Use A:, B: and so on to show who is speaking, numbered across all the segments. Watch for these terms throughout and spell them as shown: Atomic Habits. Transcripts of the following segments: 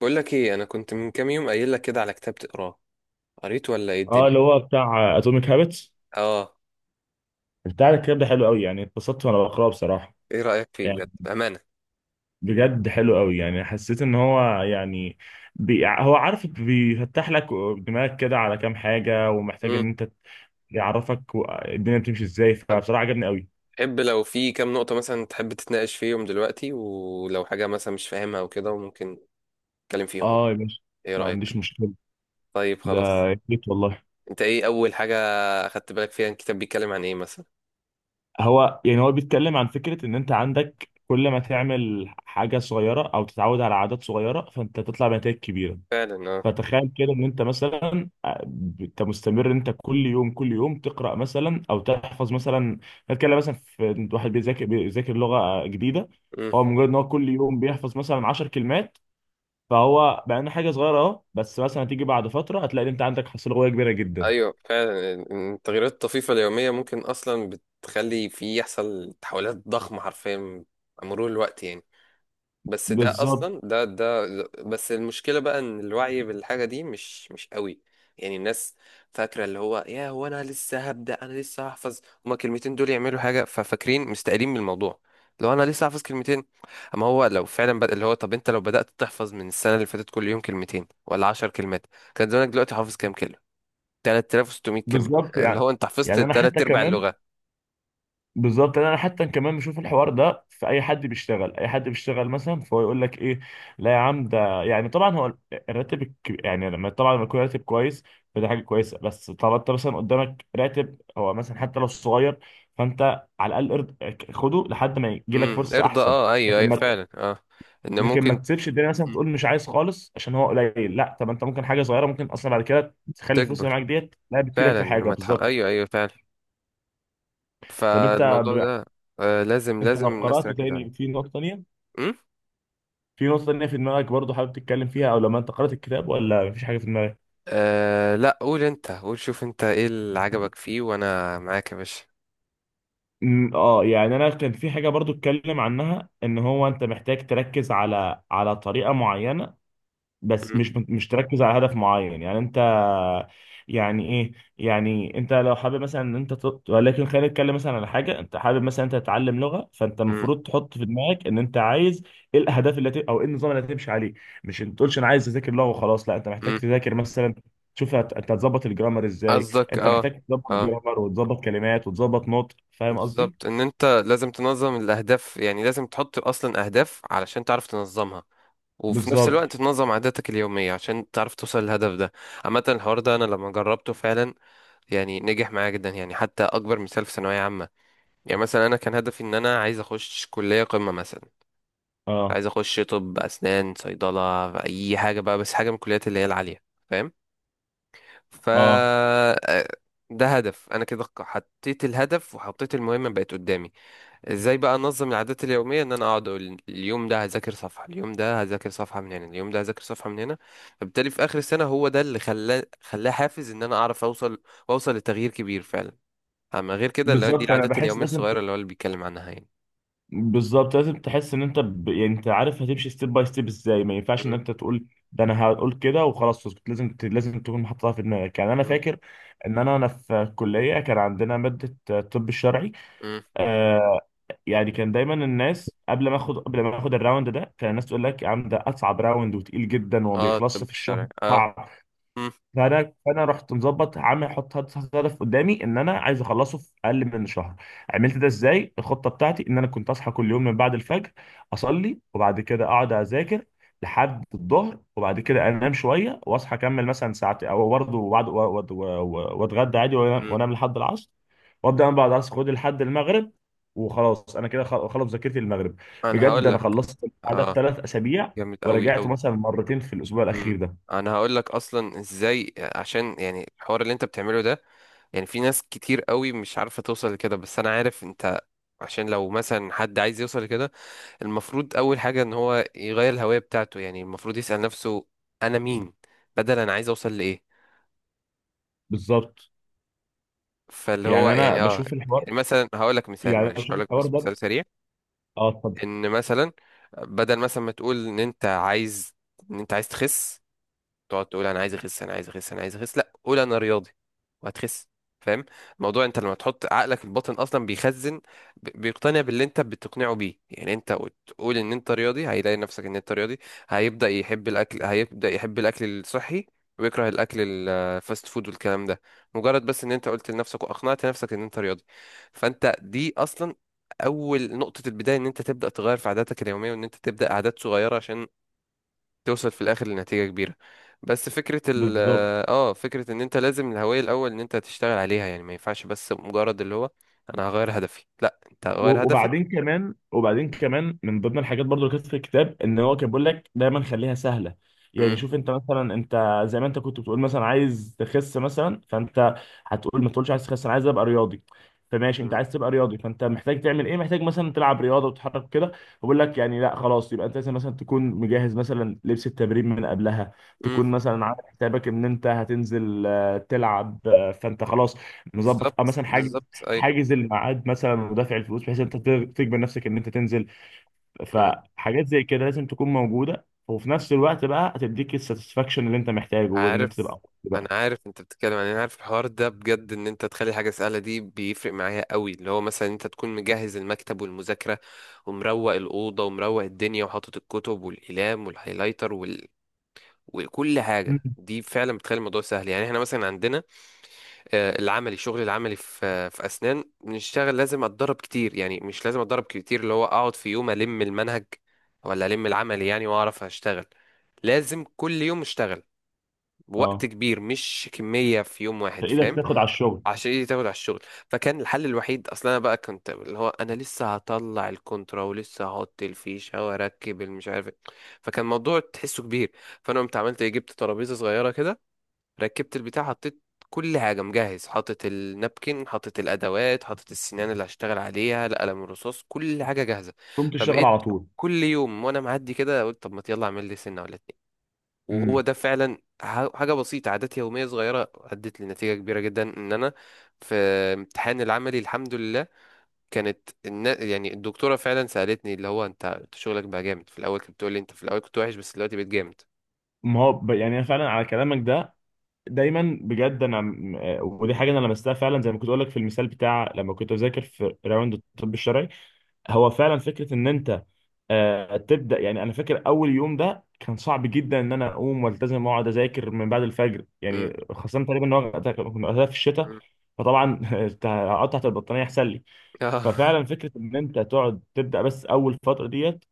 A: بقول لك ايه، انا كنت من كام يوم قايل لك كده على كتاب تقراه. قريته ولا ايه
B: اه،
A: الدنيا؟
B: اللي هو بتاع اتوميك هابتس.
A: اه.
B: بتاع الكتاب ده حلو قوي، يعني اتبسطت وانا بقراه بصراحه.
A: ايه رأيك فيه
B: يعني
A: بجد، امانة؟
B: بجد حلو قوي، يعني حسيت ان هو يعني هو عارف بيفتح لك دماغك كده على كام حاجه، ومحتاج
A: امم.
B: ان انت يعرفك، الدنيا بتمشي ازاي،
A: طب،
B: فبصراحه عجبني قوي.
A: تحب لو في كام نقطة مثلا تحب تتناقش فيهم دلوقتي، ولو حاجة مثلا مش فاهمها وكده، وممكن نتكلم فيهم يعني؟
B: اه يا باشا،
A: ايه
B: ما
A: رأيك؟
B: عنديش مشكله.
A: طيب،
B: ده
A: خلاص.
B: جيت والله.
A: انت ايه اول حاجة اخدت بالك فيها؟ الكتاب بيتكلم عن ايه مثلا؟
B: هو بيتكلم عن فكره ان انت عندك، كل ما تعمل حاجه صغيره او تتعود على عادات صغيره فانت تطلع بنتائج كبيره.
A: فعلا، اه.
B: فتخيل كده ان انت مثلا، انت مستمر إن انت كل يوم كل يوم تقرا مثلا او تحفظ مثلا. نتكلم مثلا في واحد بيذاكر لغه جديده. هو
A: امم.
B: مجرد ان هو كل يوم بيحفظ مثلا 10 كلمات، فهو بقى إنه حاجه صغيره، بس مثلا هتيجي بعد فتره هتلاقي إن انت عندك حصيله لغويه كبيره جدا.
A: ايوه، فعلا التغييرات الطفيفة اليومية ممكن اصلا بتخلي في يحصل تحولات ضخمة حرفيا مع مرور الوقت يعني. بس ده
B: بالظبط.
A: اصلا ده. بس المشكله بقى ان الوعي بالحاجه دي مش قوي. يعني الناس فاكره اللي هو يا هو انا لسه هبدا، انا لسه هحفظ. هما الكلمتين دول يعملوا حاجه، ففاكرين مستقلين من الموضوع. لو انا لسه هحفظ كلمتين. اما هو لو فعلا اللي هو، طب انت لو بدات تحفظ من السنه اللي فاتت كل يوم كلمتين ولا 10 كلمات، كان زمانك دلوقتي حافظ كام كلمه؟ 3600 كلمه.
B: بالظبط،
A: اللي
B: يعني
A: هو انت حفظت
B: يعني انا
A: تلات
B: حتى
A: ارباع
B: كمان.
A: اللغه.
B: بالظبط انا حتى كمان بشوف الحوار ده، في اي حد بيشتغل، اي حد بيشتغل مثلا، فهو يقول لك ايه: لا يا عم، ده يعني طبعا هو يعني لما، طبعا لما يكون راتب كويس، فده حاجه كويسه. بس طبعا انت مثلا قدامك راتب هو مثلا حتى لو صغير، فانت على الاقل خده لحد ما يجي لك
A: امم،
B: فرصه
A: ارضى،
B: احسن.
A: اه، ايوه،
B: لكن
A: ايوه،
B: ما
A: فعلا، اه. ان
B: لكن ما
A: ممكن.
B: تسيبش الدنيا مثلا
A: مم.
B: تقول مش عايز خالص، عشان هو قليل. لا، طب انت ممكن حاجه صغيره، ممكن اصلا بعد كده تخلي الفلوس
A: تكبر.
B: اللي معاك ديت لا بتفيدك
A: فعلا
B: في حاجه
A: لما
B: بالظبط.
A: ايوه، ايوه، فعلا.
B: طب انت
A: فالموضوع
B: ب-
A: ده لازم
B: انت
A: لازم
B: لو
A: الناس
B: قرات
A: تركز
B: تاني
A: عليه.
B: في نقطه تانيه
A: امم.
B: في نقطة تانية في دماغك، برضو حابب تتكلم فيها، أو لما أنت قرأت الكتاب ولا مفيش حاجة في دماغك؟
A: آه، لا، قول انت، قول شوف انت ايه اللي عجبك فيه، وانا معاك يا باشا.
B: يعني أنا كان في حاجة برضو اتكلم عنها، إن هو أنت محتاج تركز على طريقة معينة، بس
A: أم.
B: مش تركز على هدف معين. يعني انت، يعني ايه، يعني انت لو حابب مثلا ان انت ولكن خلينا نتكلم مثلا على حاجه، انت حابب مثلا انت تتعلم لغه، فانت
A: أم.
B: المفروض تحط في دماغك ان انت عايز ايه او ايه النظام اللي هتمشي عليه. مش انت تقولش انا عايز اذاكر لغه وخلاص، لا انت محتاج
A: أم.
B: تذاكر مثلا، انت هتظبط الجرامر ازاي،
A: قصدك،
B: انت
A: اه.
B: محتاج تظبط
A: اه.
B: جرامر وتظبط كلمات وتظبط نطق، فاهم
A: بالظبط،
B: قصدي.
A: ان انت لازم تنظم الاهداف، يعني لازم تحط اصلا اهداف علشان تعرف تنظمها. وفي نفس
B: بالظبط.
A: الوقت تنظم عاداتك اليومية عشان تعرف توصل للهدف ده. عامة، الحوار ده انا لما جربته فعلا، يعني نجح معايا جدا، يعني حتى اكبر مثال في ثانوية عامة. يعني مثلا انا كان هدفي ان انا عايز اخش كليه قمه مثلا.
B: اه،
A: عايز اخش طب، اسنان، صيدله، اي حاجه بقى، بس حاجه من الكليات اللي هي العاليه، فاهم؟ ف
B: اه.
A: ده هدف. انا كده حطيت الهدف، وحطيت المهمه بقت قدامي. ازاي بقى انظم العادات اليوميه؟ ان انا اقعد اقول: اليوم ده هذاكر صفحه، اليوم ده هذاكر صفحه من هنا، اليوم ده هذاكر صفحه من هنا. فبالتالي في اخر السنه هو ده اللي خلاه حافز ان انا اعرف اوصل. واوصل لتغيير كبير فعلا. اما غير كده، اللي هو دي
B: بالظبط انا
A: العادات
B: بحس
A: اليوميه
B: لازم،
A: الصغيره اللي هو اللي بيتكلم عنها يعني.
B: بالظبط لازم تحس ان انت يعني انت عارف هتمشي ستيب باي ستيب ازاي. ما ينفعش ان
A: م-
B: انت تقول ده انا هقول كده وخلاص اسكت، لازم تكون محطها في دماغك. يعني انا
A: م.
B: فاكر ان انا في الكليه كان عندنا ماده الطب الشرعي.
A: مم.
B: آه يعني كان دايما الناس، قبل ما اخد الراوند ده، كان الناس تقول لك يا عم ده اصعب راوند، وتقيل جدا وما
A: اه، الطب
B: بيخلصش في الشهر،
A: الشرعي، اه.
B: صعب.
A: مم.
B: فانا رحت مظبط عامل، حط حط حط هدف قدامي ان انا عايز اخلصه في اقل من شهر. عملت ده ازاي؟ الخطه بتاعتي ان انا كنت اصحى كل يوم من بعد الفجر، اصلي وبعد كده اقعد اذاكر لحد الظهر، وبعد كده انام شويه واصحى اكمل مثلا ساعتين او برضه، وبعد واتغدى عادي
A: مم.
B: وأنام لحد العصر. وابدا انا بعد العصر، خد لحد المغرب، وخلاص انا كده خلص مذاكرتي للمغرب.
A: انا
B: بجد
A: هقول
B: انا
A: لك،
B: خلصت البتاع ده في
A: اه.
B: 3 اسابيع،
A: جامد قوي
B: ورجعت
A: قوي.
B: مثلا مرتين في الاسبوع
A: مم.
B: الاخير ده.
A: انا هقول لك اصلا ازاي، عشان يعني الحوار اللي انت بتعمله ده. يعني في ناس كتير قوي مش عارفه توصل لكده، بس انا عارف انت. عشان لو مثلا حد عايز يوصل لكده، المفروض اول حاجه ان هو يغير الهويه بتاعته، يعني المفروض يسال نفسه: انا مين؟ بدل انا عايز اوصل لايه.
B: بالظبط.
A: فاللي هو
B: يعني انا
A: يعني اه
B: بشوف الحوار
A: يعني مثلا هقول لك مثال،
B: يعني انا
A: معلش
B: بشوف
A: هقول لك
B: الحوار
A: بس
B: ده.
A: مثال سريع.
B: اه، اتفضل.
A: ان مثلا، بدل مثلا ما تقول ان انت عايز تخس، تقعد تقول: انا عايز اخس، انا عايز اخس، انا عايز اخس. لا، قول: انا رياضي، وهتخس. فاهم الموضوع؟ انت لما تحط عقلك الباطن اصلا بيخزن، بيقتنع باللي انت بتقنعه بيه، يعني انت تقول ان انت رياضي، هيلاقي نفسك ان انت رياضي. هيبدأ يحب الاكل الصحي، ويكره الاكل الفاست فود والكلام ده. مجرد بس ان انت قلت لنفسك واقنعت نفسك ان انت رياضي، فانت دي اصلا اول نقطة البداية، ان انت تبدأ تغير في عاداتك اليومية، وان انت تبدأ عادات صغيرة عشان توصل في الاخر لنتيجة كبيرة. بس فكرة ال
B: بالظبط.
A: اه فكرة ان انت لازم الهوية الاول ان انت تشتغل عليها. يعني ما ينفعش بس مجرد اللي هو انا هغير هدفي، لا، انت هغير هدفك.
B: وبعدين كمان من ضمن الحاجات برضو اللي كانت في الكتاب، ان هو كان بيقول لك دايما خليها سهله. يعني
A: امم.
B: شوف انت مثلا، انت زي ما انت كنت بتقول مثلا عايز تخس مثلا، فانت هتقول، ما تقولش عايز تخس، انا عايز ابقى رياضي. فماشي انت عايز تبقى رياضي، فانت محتاج تعمل ايه؟ محتاج مثلا تلعب رياضه وتتحرك كده. بقول لك يعني، لا خلاص، يبقى انت لازم مثلا تكون مجهز مثلا لبس التمرين من قبلها،
A: امم.
B: تكون مثلا عامل حسابك ان انت هتنزل، تلعب فانت خلاص مظبط،
A: بالظبط،
B: مثلا حاجه،
A: بالظبط، اي.
B: حاجز الميعاد مثلا ودافع الفلوس بحيث انت تجبر نفسك ان انت تنزل.
A: مم.
B: فحاجات زي كده لازم تكون موجوده، وفي نفس الوقت بقى هتديك الساتسفاكشن اللي انت محتاجه، وان انت تبقى
A: عارف
B: مبسوط
A: انا
B: بقى.
A: عارف انت بتتكلم عن إيه. انا عارف الحوار ده، بجد ان انت تخلي حاجة سهلة دي بيفرق معايا قوي، اللي هو مثلا انت تكون مجهز المكتب والمذاكرة، ومروق الأوضة، ومروق الدنيا، وحاطط الكتب والأقلام والهايلايتر، وكل
B: مم.
A: حاجه دي فعلا بتخلي الموضوع سهل يعني. احنا مثلا عندنا الشغل العملي في اسنان بنشتغل. لازم اتدرب كتير، يعني مش لازم اتدرب كتير اللي هو اقعد في يوم المنهج ولا العملي يعني واعرف اشتغل. لازم كل يوم اشتغل بوقت
B: اه،
A: كبير، مش كمية في يوم واحد،
B: فايدك
A: فاهم؟
B: تاخد على الشغل،
A: عشان ايدي تاخد على الشغل. فكان الحل الوحيد اصلا، انا بقى كنت اللي هو انا لسه هطلع الكونترا ولسه هحط الفيشة واركب المش عارف إيه. فكان الموضوع تحسه كبير. فانا قمت عملت ايه؟ جبت ترابيزة صغيرة كده، ركبت البتاع، حطيت كل حاجة مجهز، حاطط النابكن، حاطط الأدوات، حاطط السنان اللي هشتغل عليها، القلم الرصاص، كل حاجة جاهزة.
B: تقوم تشتغل على
A: فبقيت
B: طول.
A: كل يوم وأنا معدي كده، قلت: طب ما يلا أعمل لي سنة ولا اتنين. وهو
B: امم
A: ده فعلا حاجة بسيطة، عادات يومية صغيرة أدت لنتيجة كبيرة جدا، إن أنا في امتحان العملي الحمد لله، كانت يعني الدكتورة فعلا سألتني اللي هو أنت شغلك بقى جامد. في الأول كانت بتقول لي: أنت في الأول كنت وحش، بس دلوقتي بقيت جامد.
B: ما هو ب... يعني انا فعلا على كلامك ده، دايما بجد، انا ودي حاجه انا لمستها فعلا، زي ما كنت اقول لك في المثال بتاع لما كنت بذاكر في راوند الطب الشرعي. هو فعلا فكره ان انت تبدا. يعني انا فاكر اول يوم ده كان صعب جدا، ان انا اقوم والتزم واقعد اذاكر من بعد الفجر،
A: م-
B: يعني خاصه تقريبا ان هو كنا وقتها في الشتاء،
A: م-
B: فطبعا قطعت البطانيه احسن لي.
A: آه.
B: ففعلا فكره ان انت تقعد تبدا بس اول فتره ديت،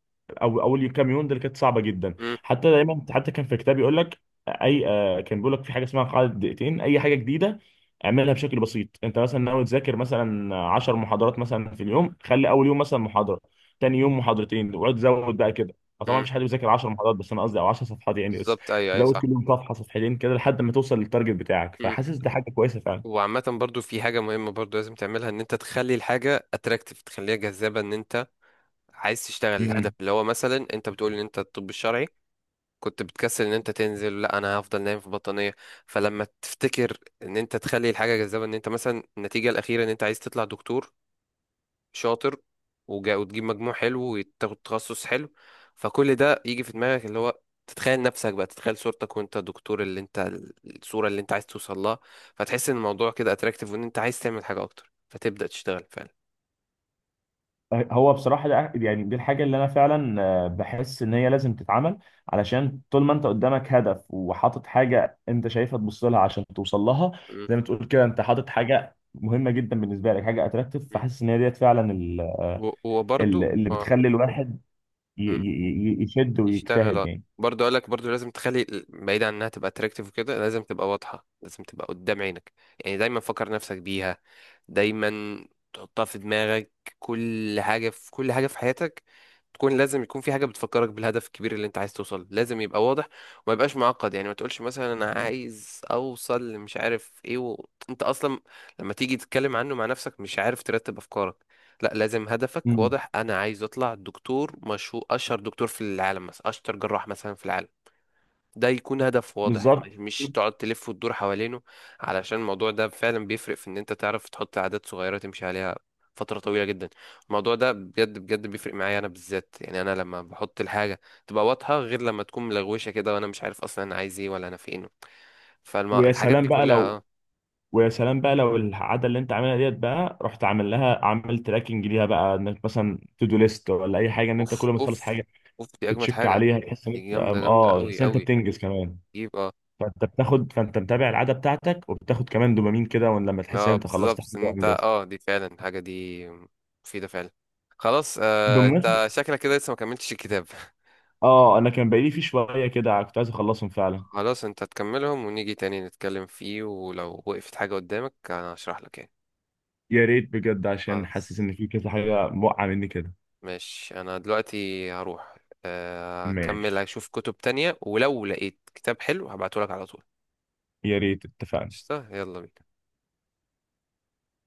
B: او اول كام يوم دي، كانت صعبه جدا.
A: م-
B: حتى دايما، حتى كان في كتاب يقول لك، كان بيقول لك في حاجه اسمها قاعده دقيقتين، اي حاجه جديده اعملها بشكل بسيط. انت مثلا ناوي تذاكر مثلا 10 محاضرات مثلا في اليوم، خلي اول يوم مثلا محاضره، تاني يوم محاضرتين، واقعد زود بقى كده. أو طبعا
A: م.
B: مفيش حد بيذاكر 10 محاضرات بس، انا قصدي او 10 صفحات يعني بس.
A: بالظبط، ايوه، ايوه،
B: زود
A: صح.
B: كل يوم صفحه، صفحتين، كده لحد ما توصل للتارجت بتاعك،
A: مم.
B: فحاسس دي حاجه كويسه.
A: وعامة برضو في حاجة مهمة برضو لازم تعملها، ان انت تخلي الحاجة اتراكتيف، تخليها جذابة. ان انت عايز تشتغل الهدف
B: فعلا،
A: اللي هو مثلا انت بتقول ان انت الطب الشرعي، كنت بتكسل ان انت تنزل، لا انا هفضل نايم في بطانية. فلما تفتكر ان انت تخلي الحاجة جذابة، ان انت مثلا النتيجة الأخيرة ان انت عايز تطلع دكتور شاطر، وتجيب مجموع حلو وتاخد تخصص حلو. فكل ده يجي في دماغك، اللي هو تتخيل نفسك بقى، تتخيل صورتك وانت دكتور، اللي انت الصورة اللي انت عايز توصل لها. فتحس ان الموضوع كده اتراكتيف، وان انت عايز تعمل حاجة اكتر، فتبدأ تشتغل فعلا.
B: هو بصراحة ده يعني دي الحاجة اللي أنا فعلا بحس إن هي لازم تتعمل. علشان طول ما أنت قدامك هدف، وحاطط حاجة أنت شايفها تبص لها عشان توصل لها،
A: م-
B: زي ما تقول كده، أنت حاطط حاجة مهمة جدا بالنسبة لك، حاجة أتراكتيف.
A: م.
B: فحاسس إن هي ديت فعلا
A: وبرضو،
B: اللي
A: اه.
B: بتخلي الواحد
A: إمم.
B: يشد
A: يشتغل،
B: ويجتهد
A: اه.
B: يعني.
A: برضه اقول لك، برضه لازم تخلي بعيد عن انها تبقى اتراكتيف وكده، لازم تبقى واضحه، لازم تبقى قدام عينك. يعني دايما فكر نفسك بيها، دايما تحطها في دماغك. كل حاجه في حياتك تكون لازم، يكون في حاجه بتفكرك بالهدف الكبير اللي انت عايز توصل، لازم يبقى واضح. وما يبقاش معقد، يعني ما تقولش مثلا انا عايز اوصل مش عارف ايه انت اصلا لما تيجي تتكلم عنه مع نفسك مش عارف ترتب افكارك. لا، لازم هدفك
B: مم.
A: واضح: انا عايز اطلع دكتور مشهور، اشهر دكتور في العالم مثلا، اشطر جراح مثلا في العالم. ده يكون هدف واضح،
B: بالظبط.
A: مش تقعد تلف وتدور حوالينه. علشان الموضوع ده فعلا بيفرق في ان انت تعرف تحط عادات صغيرة تمشي عليها فترة طويلة جدا. الموضوع ده بجد بجد بيفرق معايا انا بالذات، يعني انا لما بحط الحاجة تبقى واضحة، غير لما تكون ملغوشة كده وانا مش عارف اصلا انا عايز ايه ولا انا فين.
B: ويا
A: فالحاجات
B: سلام
A: دي
B: بقى
A: كلها،
B: لو
A: اه.
B: ويا سلام بقى لو العاده اللي انت عاملها ديت بقى، رحت عامل لها، عامل تراكنج ليها بقى، انك مثلا تو دو ليست ولا اي حاجه، ان انت كل
A: اوف،
B: ما تخلص
A: اوف.
B: حاجه
A: اوف دي اجمد
B: تتشك
A: حاجة.
B: عليها، تحس ان
A: دي
B: انت،
A: جامدة جامدة
B: اه
A: قوي
B: تحس ان انت
A: قوي.
B: بتنجز كمان. فانت بتاخد، فانت متابع العاده بتاعتك، وبتاخد كمان دوبامين كده، وان لما تحس ان
A: اه،
B: انت خلصت حاجه
A: بالظبط ان انت
B: وانجزت.
A: دي فعلا الحاجة دي مفيدة فعلا. خلاص،
B: بمناسبه،
A: انت شكلك كده لسه ما كملتش الكتاب.
B: اه، انا كان بقالي في شويه كده كنت عايز اخلصهم فعلا.
A: خلاص، انت تكملهم ونيجي تاني نتكلم فيه، ولو وقفت حاجة قدامك انا هشرح لك يعني.
B: يا ريت بجد، عشان حاسس
A: خلاص،
B: ان في كذا حاجه موقعه مني كده.
A: ماشي، انا دلوقتي هروح. اكمل
B: ماشي.
A: اشوف كتب تانية ولو لقيت كتاب حلو هبعته لك على طول.
B: يا ريت، اتفقنا.
A: قشطة، يلا بينا.